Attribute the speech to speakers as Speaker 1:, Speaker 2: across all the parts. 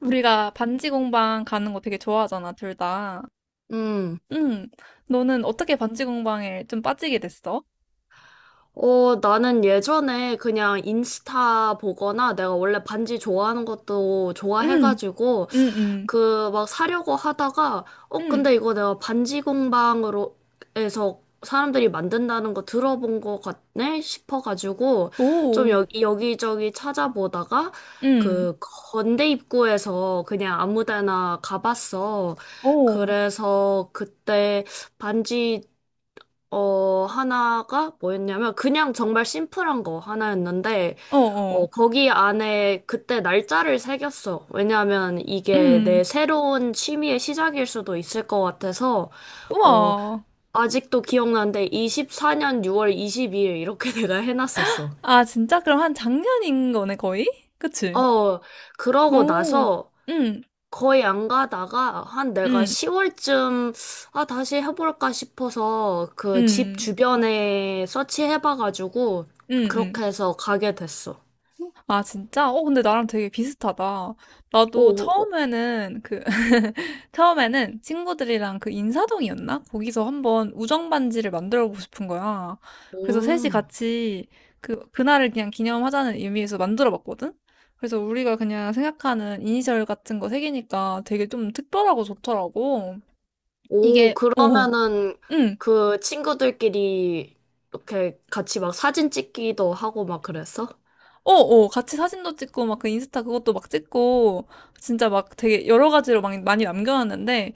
Speaker 1: 우리가 반지 공방 가는 거 되게 좋아하잖아, 둘 다.
Speaker 2: 음.
Speaker 1: 응. 너는 어떻게 반지 공방에 좀 빠지게 됐어?
Speaker 2: 나는 예전에 그냥 인스타 보거나 내가 원래 반지 좋아하는 것도
Speaker 1: 응,
Speaker 2: 좋아해가지고
Speaker 1: 응, 응,
Speaker 2: 그 막 사려고 하다가
Speaker 1: 응.
Speaker 2: 근데 이거 내가 반지 공방으로 해서 사람들이 만든다는 거 들어본 거 같네 싶어가지고 좀
Speaker 1: 오,
Speaker 2: 여기저기 찾아보다가
Speaker 1: 응,
Speaker 2: 그 건대 입구에서 그냥 아무 데나 가봤어.
Speaker 1: 오,
Speaker 2: 그래서 그때 반지 하나가 뭐였냐면 그냥 정말 심플한 거 하나였는데
Speaker 1: 어, 어,
Speaker 2: 거기 안에 그때 날짜를 새겼어. 왜냐하면 이게
Speaker 1: 응.
Speaker 2: 내 새로운 취미의 시작일 수도 있을 것 같아서 어,
Speaker 1: 우와.
Speaker 2: 아직도 기억나는데 24년 6월 22일 이렇게 내가 해놨었어.
Speaker 1: 아, 진짜? 그럼 한 작년인 거네, 거의? 그치?
Speaker 2: 어, 그러고
Speaker 1: 오,
Speaker 2: 나서
Speaker 1: 응,
Speaker 2: 거의 안 가다가 한 내가
Speaker 1: 응,
Speaker 2: 10월쯤 아 다시 해볼까 싶어서 그 집
Speaker 1: 응,
Speaker 2: 주변에 서치해봐가지고
Speaker 1: 응, 응.
Speaker 2: 그렇게 해서 가게 됐어.
Speaker 1: 아, 진짜? 근데 나랑 되게 비슷하다. 나도
Speaker 2: 오, 오,
Speaker 1: 처음에는 처음에는 친구들이랑 그 인사동이었나? 거기서 한번 우정 반지를 만들어 보고 싶은 거야. 그래서 셋이
Speaker 2: 오,
Speaker 1: 같이 그날을 그냥 기념하자는 의미에서 만들어 봤거든? 그래서 우리가 그냥 생각하는 이니셜 같은 거 새기니까 되게 좀 특별하고 좋더라고.
Speaker 2: 오,
Speaker 1: 이게, 어,
Speaker 2: 그러면은
Speaker 1: 응.
Speaker 2: 그 친구들끼리 이렇게 같이 막 사진 찍기도 하고 막 그랬어?
Speaker 1: 어, 어, 같이 사진도 찍고, 막 그 인스타 그것도 막 찍고, 진짜 막 되게 여러 가지로 막 많이 남겨놨는데,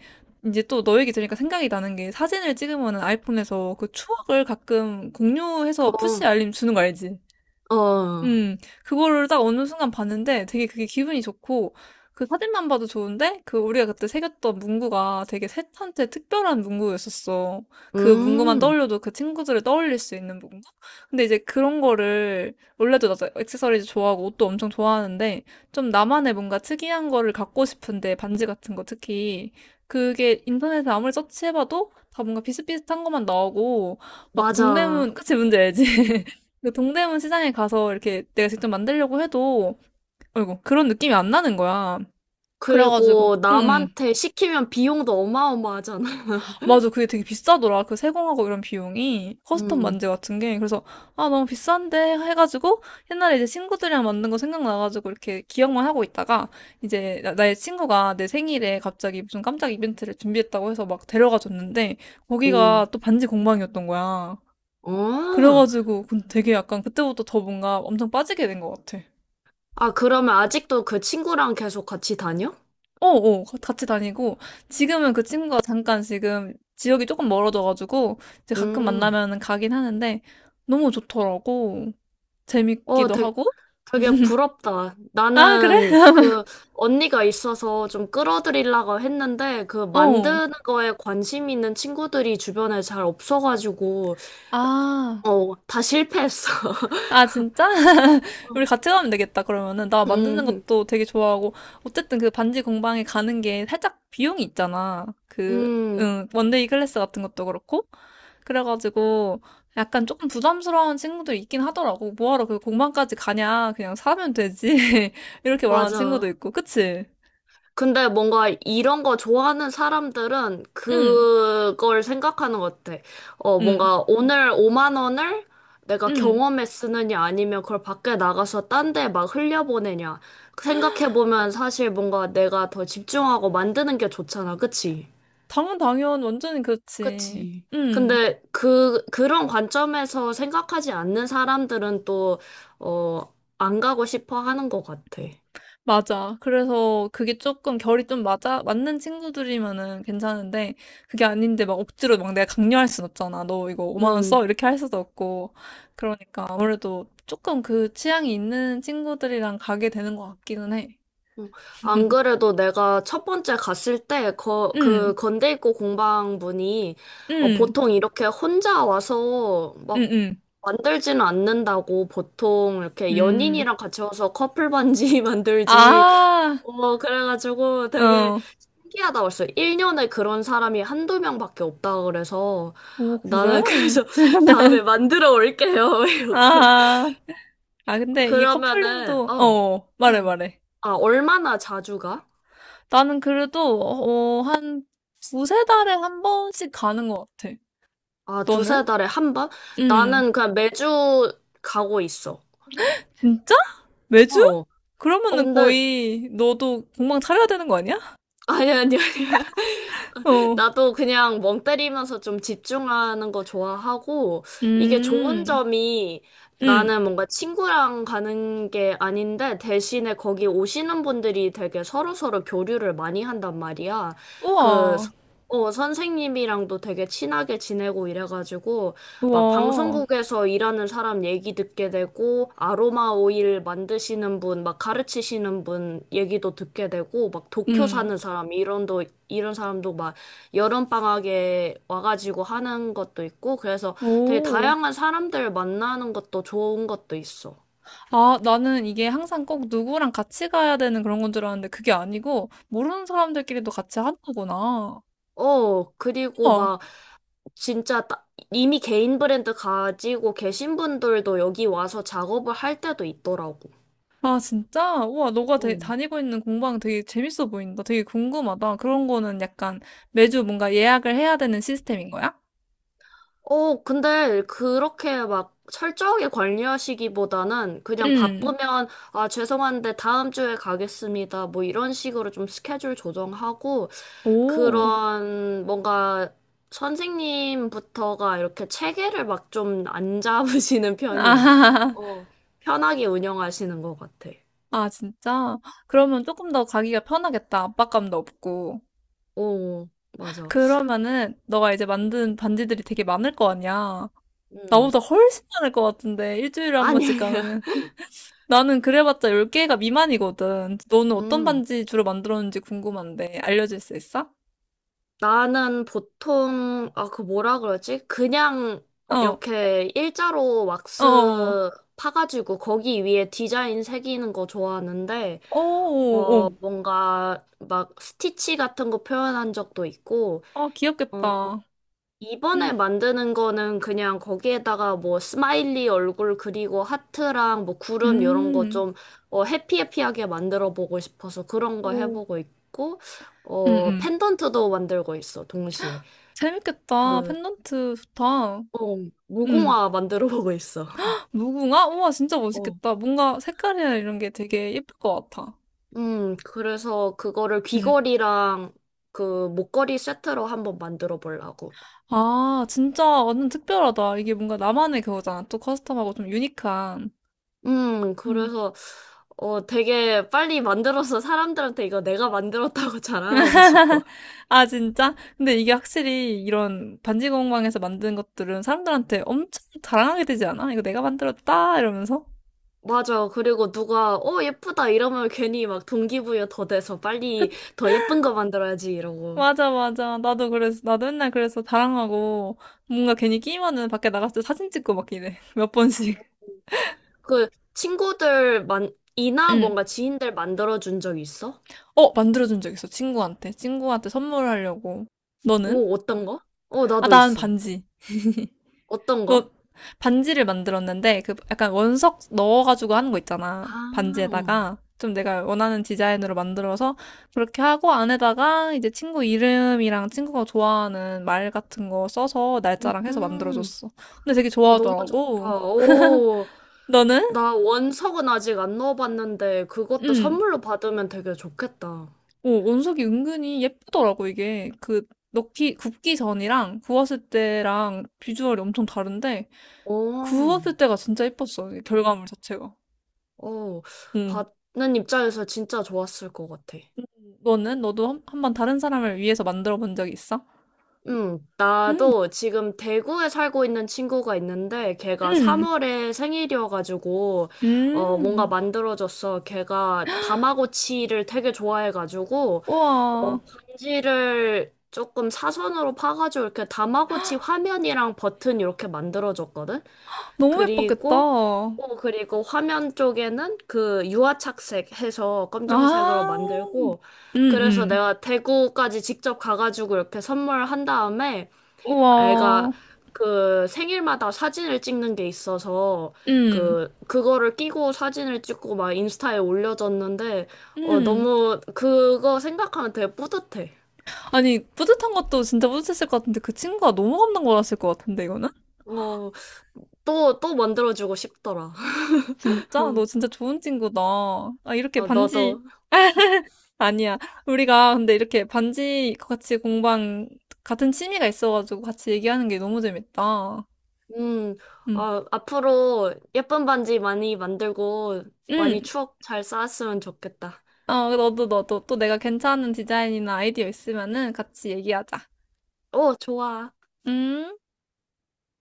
Speaker 1: 이제 또 너 얘기 들으니까 생각이 나는 게 사진을 찍으면 아이폰에서 그 추억을 가끔 공유해서
Speaker 2: 어,
Speaker 1: 푸시 알림 주는 거 알지?
Speaker 2: 어,
Speaker 1: 음, 그거를 딱 어느 순간 봤는데 되게 그게 기분이 좋고, 그 사진만 봐도 좋은데, 그 우리가 그때 새겼던 문구가 되게 셋한테 특별한 문구였었어. 그 문구만
Speaker 2: 음,
Speaker 1: 떠올려도 그 친구들을 떠올릴 수 있는 문구? 근데 이제 그런 거를, 원래도 나도 액세서리즈 좋아하고 옷도 엄청 좋아하는데, 좀 나만의 뭔가 특이한 거를 갖고 싶은데, 반지 같은 거 특히. 그게 인터넷에 아무리 서치해봐도 다 뭔가 비슷비슷한 것만 나오고, 막
Speaker 2: 맞아.
Speaker 1: 동대문, 그치, 뭔지 알지? 그 동대문 시장에 가서 이렇게 내가 직접 만들려고 해도, 아이고, 그런 느낌이 안 나는 거야. 그래가지고,
Speaker 2: 그리고
Speaker 1: 응, 응.
Speaker 2: 남한테 시키면 비용도 어마어마하잖아.
Speaker 1: 맞아. 그게 되게 비싸더라. 그 세공하고 이런 비용이. 커스텀
Speaker 2: 음,
Speaker 1: 만재 같은 게. 그래서, 아, 너무 비싼데? 해가지고, 옛날에 이제 친구들이랑 만든 거 생각나가지고, 이렇게 기억만 하고 있다가, 이제 나의 친구가 내 생일에 갑자기 무슨 깜짝 이벤트를 준비했다고 해서 막 데려가 줬는데,
Speaker 2: 오,
Speaker 1: 거기가 또 반지 공방이었던 거야.
Speaker 2: 어.
Speaker 1: 그래가지고, 그 되게 약간 그때부터 더 뭔가 엄청 빠지게 된 것 같아.
Speaker 2: 아, 그러면 아직도 그 친구랑 계속 같이 다녀?
Speaker 1: 어, 어, 같이 다니고, 지금은 그 친구가 잠깐 지금 지역이 조금 멀어져가지고, 이제 가끔
Speaker 2: 음.
Speaker 1: 만나면은 가긴 하는데, 너무 좋더라고.
Speaker 2: 어,
Speaker 1: 재밌기도
Speaker 2: 되게,
Speaker 1: 하고.
Speaker 2: 되게 부럽다.
Speaker 1: 아, 그래?
Speaker 2: 나는 그 언니가 있어서 좀 끌어들이려고 했는데 그
Speaker 1: 어.
Speaker 2: 만드는 거에 관심 있는 친구들이 주변에 잘 없어가지고
Speaker 1: 아.
Speaker 2: 다 실패했어.
Speaker 1: 아, 진짜? 우리 같이 가면 되겠다, 그러면은. 나 만드는
Speaker 2: 음,
Speaker 1: 것도 되게 좋아하고. 어쨌든 그 반지 공방에 가는 게 살짝 비용이 있잖아. 그,
Speaker 2: 음,
Speaker 1: 응, 원데이 클래스 같은 것도 그렇고. 그래가지고 약간 조금 부담스러운 친구들 있긴 하더라고. 뭐하러 그 공방까지 가냐. 그냥 사면 되지. 이렇게 말하는 친구도
Speaker 2: 맞아.
Speaker 1: 있고. 그치?
Speaker 2: 근데 뭔가 이런 거 좋아하는 사람들은
Speaker 1: 응,
Speaker 2: 그걸 생각하는 것 같아.
Speaker 1: 응,
Speaker 2: 뭔가 오늘 5만 원을 내가
Speaker 1: 응.
Speaker 2: 경험에 쓰느냐 아니면 그걸 밖에 나가서 딴데 막 흘려보내냐. 생각해보면 사실 뭔가 내가 더 집중하고 만드는 게 좋잖아. 그치?
Speaker 1: 당연, 당연. 완전히 그렇지.
Speaker 2: 그치.
Speaker 1: 응.
Speaker 2: 근데 그런 관점에서 생각하지 않는 사람들은 또, 어, 안 가고 싶어 하는 것 같아.
Speaker 1: 맞아. 그래서 그게 조금 결이 좀 맞는 친구들이면은 괜찮은데, 그게 아닌데 막 억지로 막 내가 강요할 순 없잖아. 너 이거 5만 원
Speaker 2: 음.
Speaker 1: 써? 이렇게 할 수도 없고. 그러니까 아무래도 조금 그 취향이 있는 친구들이랑 가게 되는 것 같기는 해.
Speaker 2: 어, 안 그래도 내가 첫 번째 갔을 때,
Speaker 1: 응,
Speaker 2: 건대 입구 공방분이,
Speaker 1: 응,
Speaker 2: 보통 이렇게 혼자 와서
Speaker 1: 응,
Speaker 2: 막
Speaker 1: 응,
Speaker 2: 만들지는 않는다고, 보통 이렇게
Speaker 1: 음.
Speaker 2: 연인이랑 같이 와서 커플 반지 만들지.
Speaker 1: 아,
Speaker 2: 그래가지고 되게
Speaker 1: 어.
Speaker 2: 신기하다고 했어. 1년에 그런 사람이 한두 명밖에 없다 그래서,
Speaker 1: 오, 그래?
Speaker 2: 나는 그래서 다음에 만들어 올게요. 이러고.
Speaker 1: 아, 근데 이
Speaker 2: 그러면은,
Speaker 1: 커플링도, 어, 말해,
Speaker 2: 음.
Speaker 1: 말해.
Speaker 2: 아, 얼마나 자주 가?
Speaker 1: 나는 그래도, 어, 한 두세 달에 한 번씩 가는 것 같아.
Speaker 2: 아,
Speaker 1: 너는?
Speaker 2: 두세 달에 한 번?
Speaker 1: 응.
Speaker 2: 나는 그냥 매주 가고 있어.
Speaker 1: 진짜? 매주?
Speaker 2: 어.
Speaker 1: 그러면은
Speaker 2: 근데,
Speaker 1: 거의 너도 공방 차려야 되는 거 아니야?
Speaker 2: 아니, 아니, 아니.
Speaker 1: 어.
Speaker 2: 나도 그냥 멍 때리면서 좀 집중하는 거 좋아하고, 이게 좋은
Speaker 1: 음.
Speaker 2: 점이
Speaker 1: 응.
Speaker 2: 나는 뭔가 친구랑 가는 게 아닌데, 대신에 거기 오시는 분들이 되게 서로서로 교류를 많이 한단 말이야. 그,
Speaker 1: 우와.
Speaker 2: 서- 선생님이랑도 되게 친하게 지내고 이래가지고, 막
Speaker 1: 우와.
Speaker 2: 방송국에서 일하는 사람 얘기 듣게 되고, 아로마 오일 만드시는 분, 막 가르치시는 분 얘기도 듣게 되고, 막 도쿄
Speaker 1: 응.
Speaker 2: 사는 사람, 이런 사람도 막 여름방학에 와가지고 하는 것도 있고, 그래서 되게
Speaker 1: 오.
Speaker 2: 다양한 사람들 만나는 것도 좋은 것도 있어.
Speaker 1: 아, 나는 이게 항상 꼭 누구랑 같이 가야 되는 그런 건 줄 알았는데 그게 아니고 모르는 사람들끼리도 같이 하는 거구나.
Speaker 2: 어, 그리고
Speaker 1: 우와.
Speaker 2: 막 진짜 따- 이미 개인 브랜드 가지고 계신 분들도 여기 와서 작업을 할 때도 있더라고.
Speaker 1: 아, 진짜? 우와, 너가 대-
Speaker 2: 응.
Speaker 1: 다니고 있는 공방 되게 재밌어 보인다. 되게 궁금하다. 그런 거는 약간 매주 뭔가 예약을 해야 되는 시스템인 거야?
Speaker 2: 근데 그렇게 막 철저하게 관리하시기보다는 그냥
Speaker 1: 응.
Speaker 2: 바쁘면, 아, 죄송한데 다음 주에 가겠습니다. 뭐 이런 식으로 좀 스케줄 조정하고,
Speaker 1: 오. 아,
Speaker 2: 그런 뭔가 선생님부터가 이렇게 체계를 막 좀 안 잡으시는 편이야. 어, 편하게 운영하시는 것 같아.
Speaker 1: 아, 진짜? 그러면 조금 더 가기가 편하겠다. 압박감도 없고.
Speaker 2: 오, 맞아.
Speaker 1: 그러면은 너가 이제 만든 반지들이 되게 많을 거 아니야.
Speaker 2: 음.
Speaker 1: 나보다 훨씬 많을 것 같은데. 일주일에 한
Speaker 2: 아니,
Speaker 1: 번씩
Speaker 2: 아니야.
Speaker 1: 가면은. 나는 그래봤자 10개가 미만이거든. 너는 어떤
Speaker 2: 음.
Speaker 1: 반지 주로 만들었는지 궁금한데 알려줄 수 있어?
Speaker 2: 나는 보통, 아, 그 뭐라 그러지? 그냥
Speaker 1: 어.
Speaker 2: 이렇게 일자로
Speaker 1: 어어.
Speaker 2: 왁스 파가지고 거기 위에 디자인 새기는 거 좋아하는데,
Speaker 1: 어어 어. 어 어
Speaker 2: 뭔가 막 스티치 같은 거 표현한 적도 있고,
Speaker 1: 아
Speaker 2: 어,
Speaker 1: 귀엽겠다.
Speaker 2: 이번에 만드는 거는 그냥 거기에다가 뭐 스마일리 얼굴 그리고 하트랑 뭐 구름 이런 거
Speaker 1: 음.
Speaker 2: 좀, 해피해피하게 만들어 보고 싶어서 그런 거
Speaker 1: 오.
Speaker 2: 해보고 있고,
Speaker 1: 음음.
Speaker 2: 펜던트도 만들고 있어, 동시에.
Speaker 1: 재밌겠다.
Speaker 2: 그,
Speaker 1: 펜던트 좋다.
Speaker 2: 어,
Speaker 1: 음.
Speaker 2: 무궁화 만들어 보고 있어.
Speaker 1: 무궁화? 우와 진짜
Speaker 2: 어.
Speaker 1: 멋있겠다. 뭔가 색깔이나 이런 게 되게 예쁠 것 같아.
Speaker 2: 그래서 그거를
Speaker 1: 음.
Speaker 2: 귀걸이랑 그 목걸이 세트로 한번 만들어 보려고.
Speaker 1: 아 진짜 완전 특별하다. 이게 뭔가 나만의 그거잖아. 또 커스텀하고 좀 유니크한. 음.
Speaker 2: 그래서 되게 빨리 만들어서 사람들한테 이거 내가 만들었다고 자랑하고 싶어.
Speaker 1: 아 진짜? 근데 이게 확실히 이런 반지 공방에서 만든 것들은 사람들한테 엄청 자랑하게 되지 않아? 이거 내가 만들었다 이러면서?
Speaker 2: 맞아. 그리고 누가 예쁘다 이러면 괜히 막 동기부여 더 돼서 빨리 더 예쁜 거 만들어야지 이러고.
Speaker 1: 맞아, 맞아. 나도 그래서, 나도 맨날 그래서 자랑하고, 뭔가 괜히 끼면은 밖에 나갔을 때 사진 찍고 막 이래. 몇 번씩.
Speaker 2: 그 친구들 만 이나
Speaker 1: 응.
Speaker 2: 뭔가 지인들 만들어 준 적 있어?
Speaker 1: 어, 만들어준 적 있어. 친구한테. 친구한테 선물하려고. 너는?
Speaker 2: 오, 어떤 거?
Speaker 1: 아,
Speaker 2: 나도
Speaker 1: 난
Speaker 2: 있어.
Speaker 1: 반지.
Speaker 2: 어떤 거?
Speaker 1: 너, 반지를 만들었는데, 그, 약간 원석 넣어가지고 하는 거 있잖아.
Speaker 2: 아, 어.
Speaker 1: 반지에다가. 좀 내가 원하는 디자인으로 만들어서, 그렇게 하고, 안에다가 이제 친구 이름이랑 친구가 좋아하는 말 같은 거 써서 날짜랑 해서
Speaker 2: 음,
Speaker 1: 만들어줬어. 근데 되게
Speaker 2: 너무
Speaker 1: 좋아하더라고.
Speaker 2: 좋다. 오,
Speaker 1: 너는?
Speaker 2: 나 원석은 아직 안 넣어봤는데 그것도
Speaker 1: 응.
Speaker 2: 선물로 받으면 되게 좋겠다.
Speaker 1: 어, 원석이 은근히 예쁘더라고, 이게. 그, 굽기 전이랑 구웠을 때랑 비주얼이 엄청 다른데,
Speaker 2: 오,
Speaker 1: 구웠을 때가 진짜 예뻤어, 이 결과물 자체가.
Speaker 2: 어,
Speaker 1: 응.
Speaker 2: 받는 입장에서 진짜 좋았을 것 같아.
Speaker 1: 너는? 너도 한번 다른 사람을 위해서 만들어 본 적이 있어? 응,
Speaker 2: 나도 지금 대구에 살고 있는 친구가 있는데 걔가
Speaker 1: 응,
Speaker 2: 3월에 생일이어가지고 뭔가
Speaker 1: 응.
Speaker 2: 만들어줬어. 걔가 다마고치를 되게 좋아해가지고
Speaker 1: 우와,
Speaker 2: 반지를 조금 사선으로 파가지고 이렇게 다마고치 화면이랑 버튼 이렇게 만들어줬거든?
Speaker 1: 너무
Speaker 2: 그리고,
Speaker 1: 예뻤겠다.
Speaker 2: 그리고 화면 쪽에는 그 유화착색 해서
Speaker 1: 아,
Speaker 2: 검정색으로 만들고,
Speaker 1: 응,
Speaker 2: 그래서
Speaker 1: 응.
Speaker 2: 내가 대구까지 직접 가가지고 이렇게 선물한 다음에, 애가
Speaker 1: 우와,
Speaker 2: 그 생일마다 사진을 찍는 게 있어서,
Speaker 1: 응,
Speaker 2: 그거를 끼고 사진을 찍고 막 인스타에 올려줬는데,
Speaker 1: 응.
Speaker 2: 너무 그거 생각하면 되게 뿌듯해.
Speaker 1: 아니, 뿌듯한 것도 진짜 뿌듯했을 것 같은데, 그 친구가 너무 감동 받았을 것 같은데, 이거는?
Speaker 2: 어, 또, 또 만들어주고 싶더라.
Speaker 1: 진짜? 너 진짜 좋은 친구다. 아, 이렇게
Speaker 2: 아,
Speaker 1: 반지,
Speaker 2: 너도.
Speaker 1: 아니야. 우리가 근데 이렇게 반지 같이 공방, 같은 취미가 있어가지고 같이 얘기하는 게 너무 재밌다.
Speaker 2: 음,
Speaker 1: 응.
Speaker 2: 아, 앞으로 예쁜 반지 많이 만들고 많이
Speaker 1: 응.
Speaker 2: 추억 잘 쌓았으면 좋겠다.
Speaker 1: 어, 너도, 너도. 또 내가 괜찮은 디자인이나 아이디어 있으면은 같이 얘기하자.
Speaker 2: 오, 좋아.
Speaker 1: 음.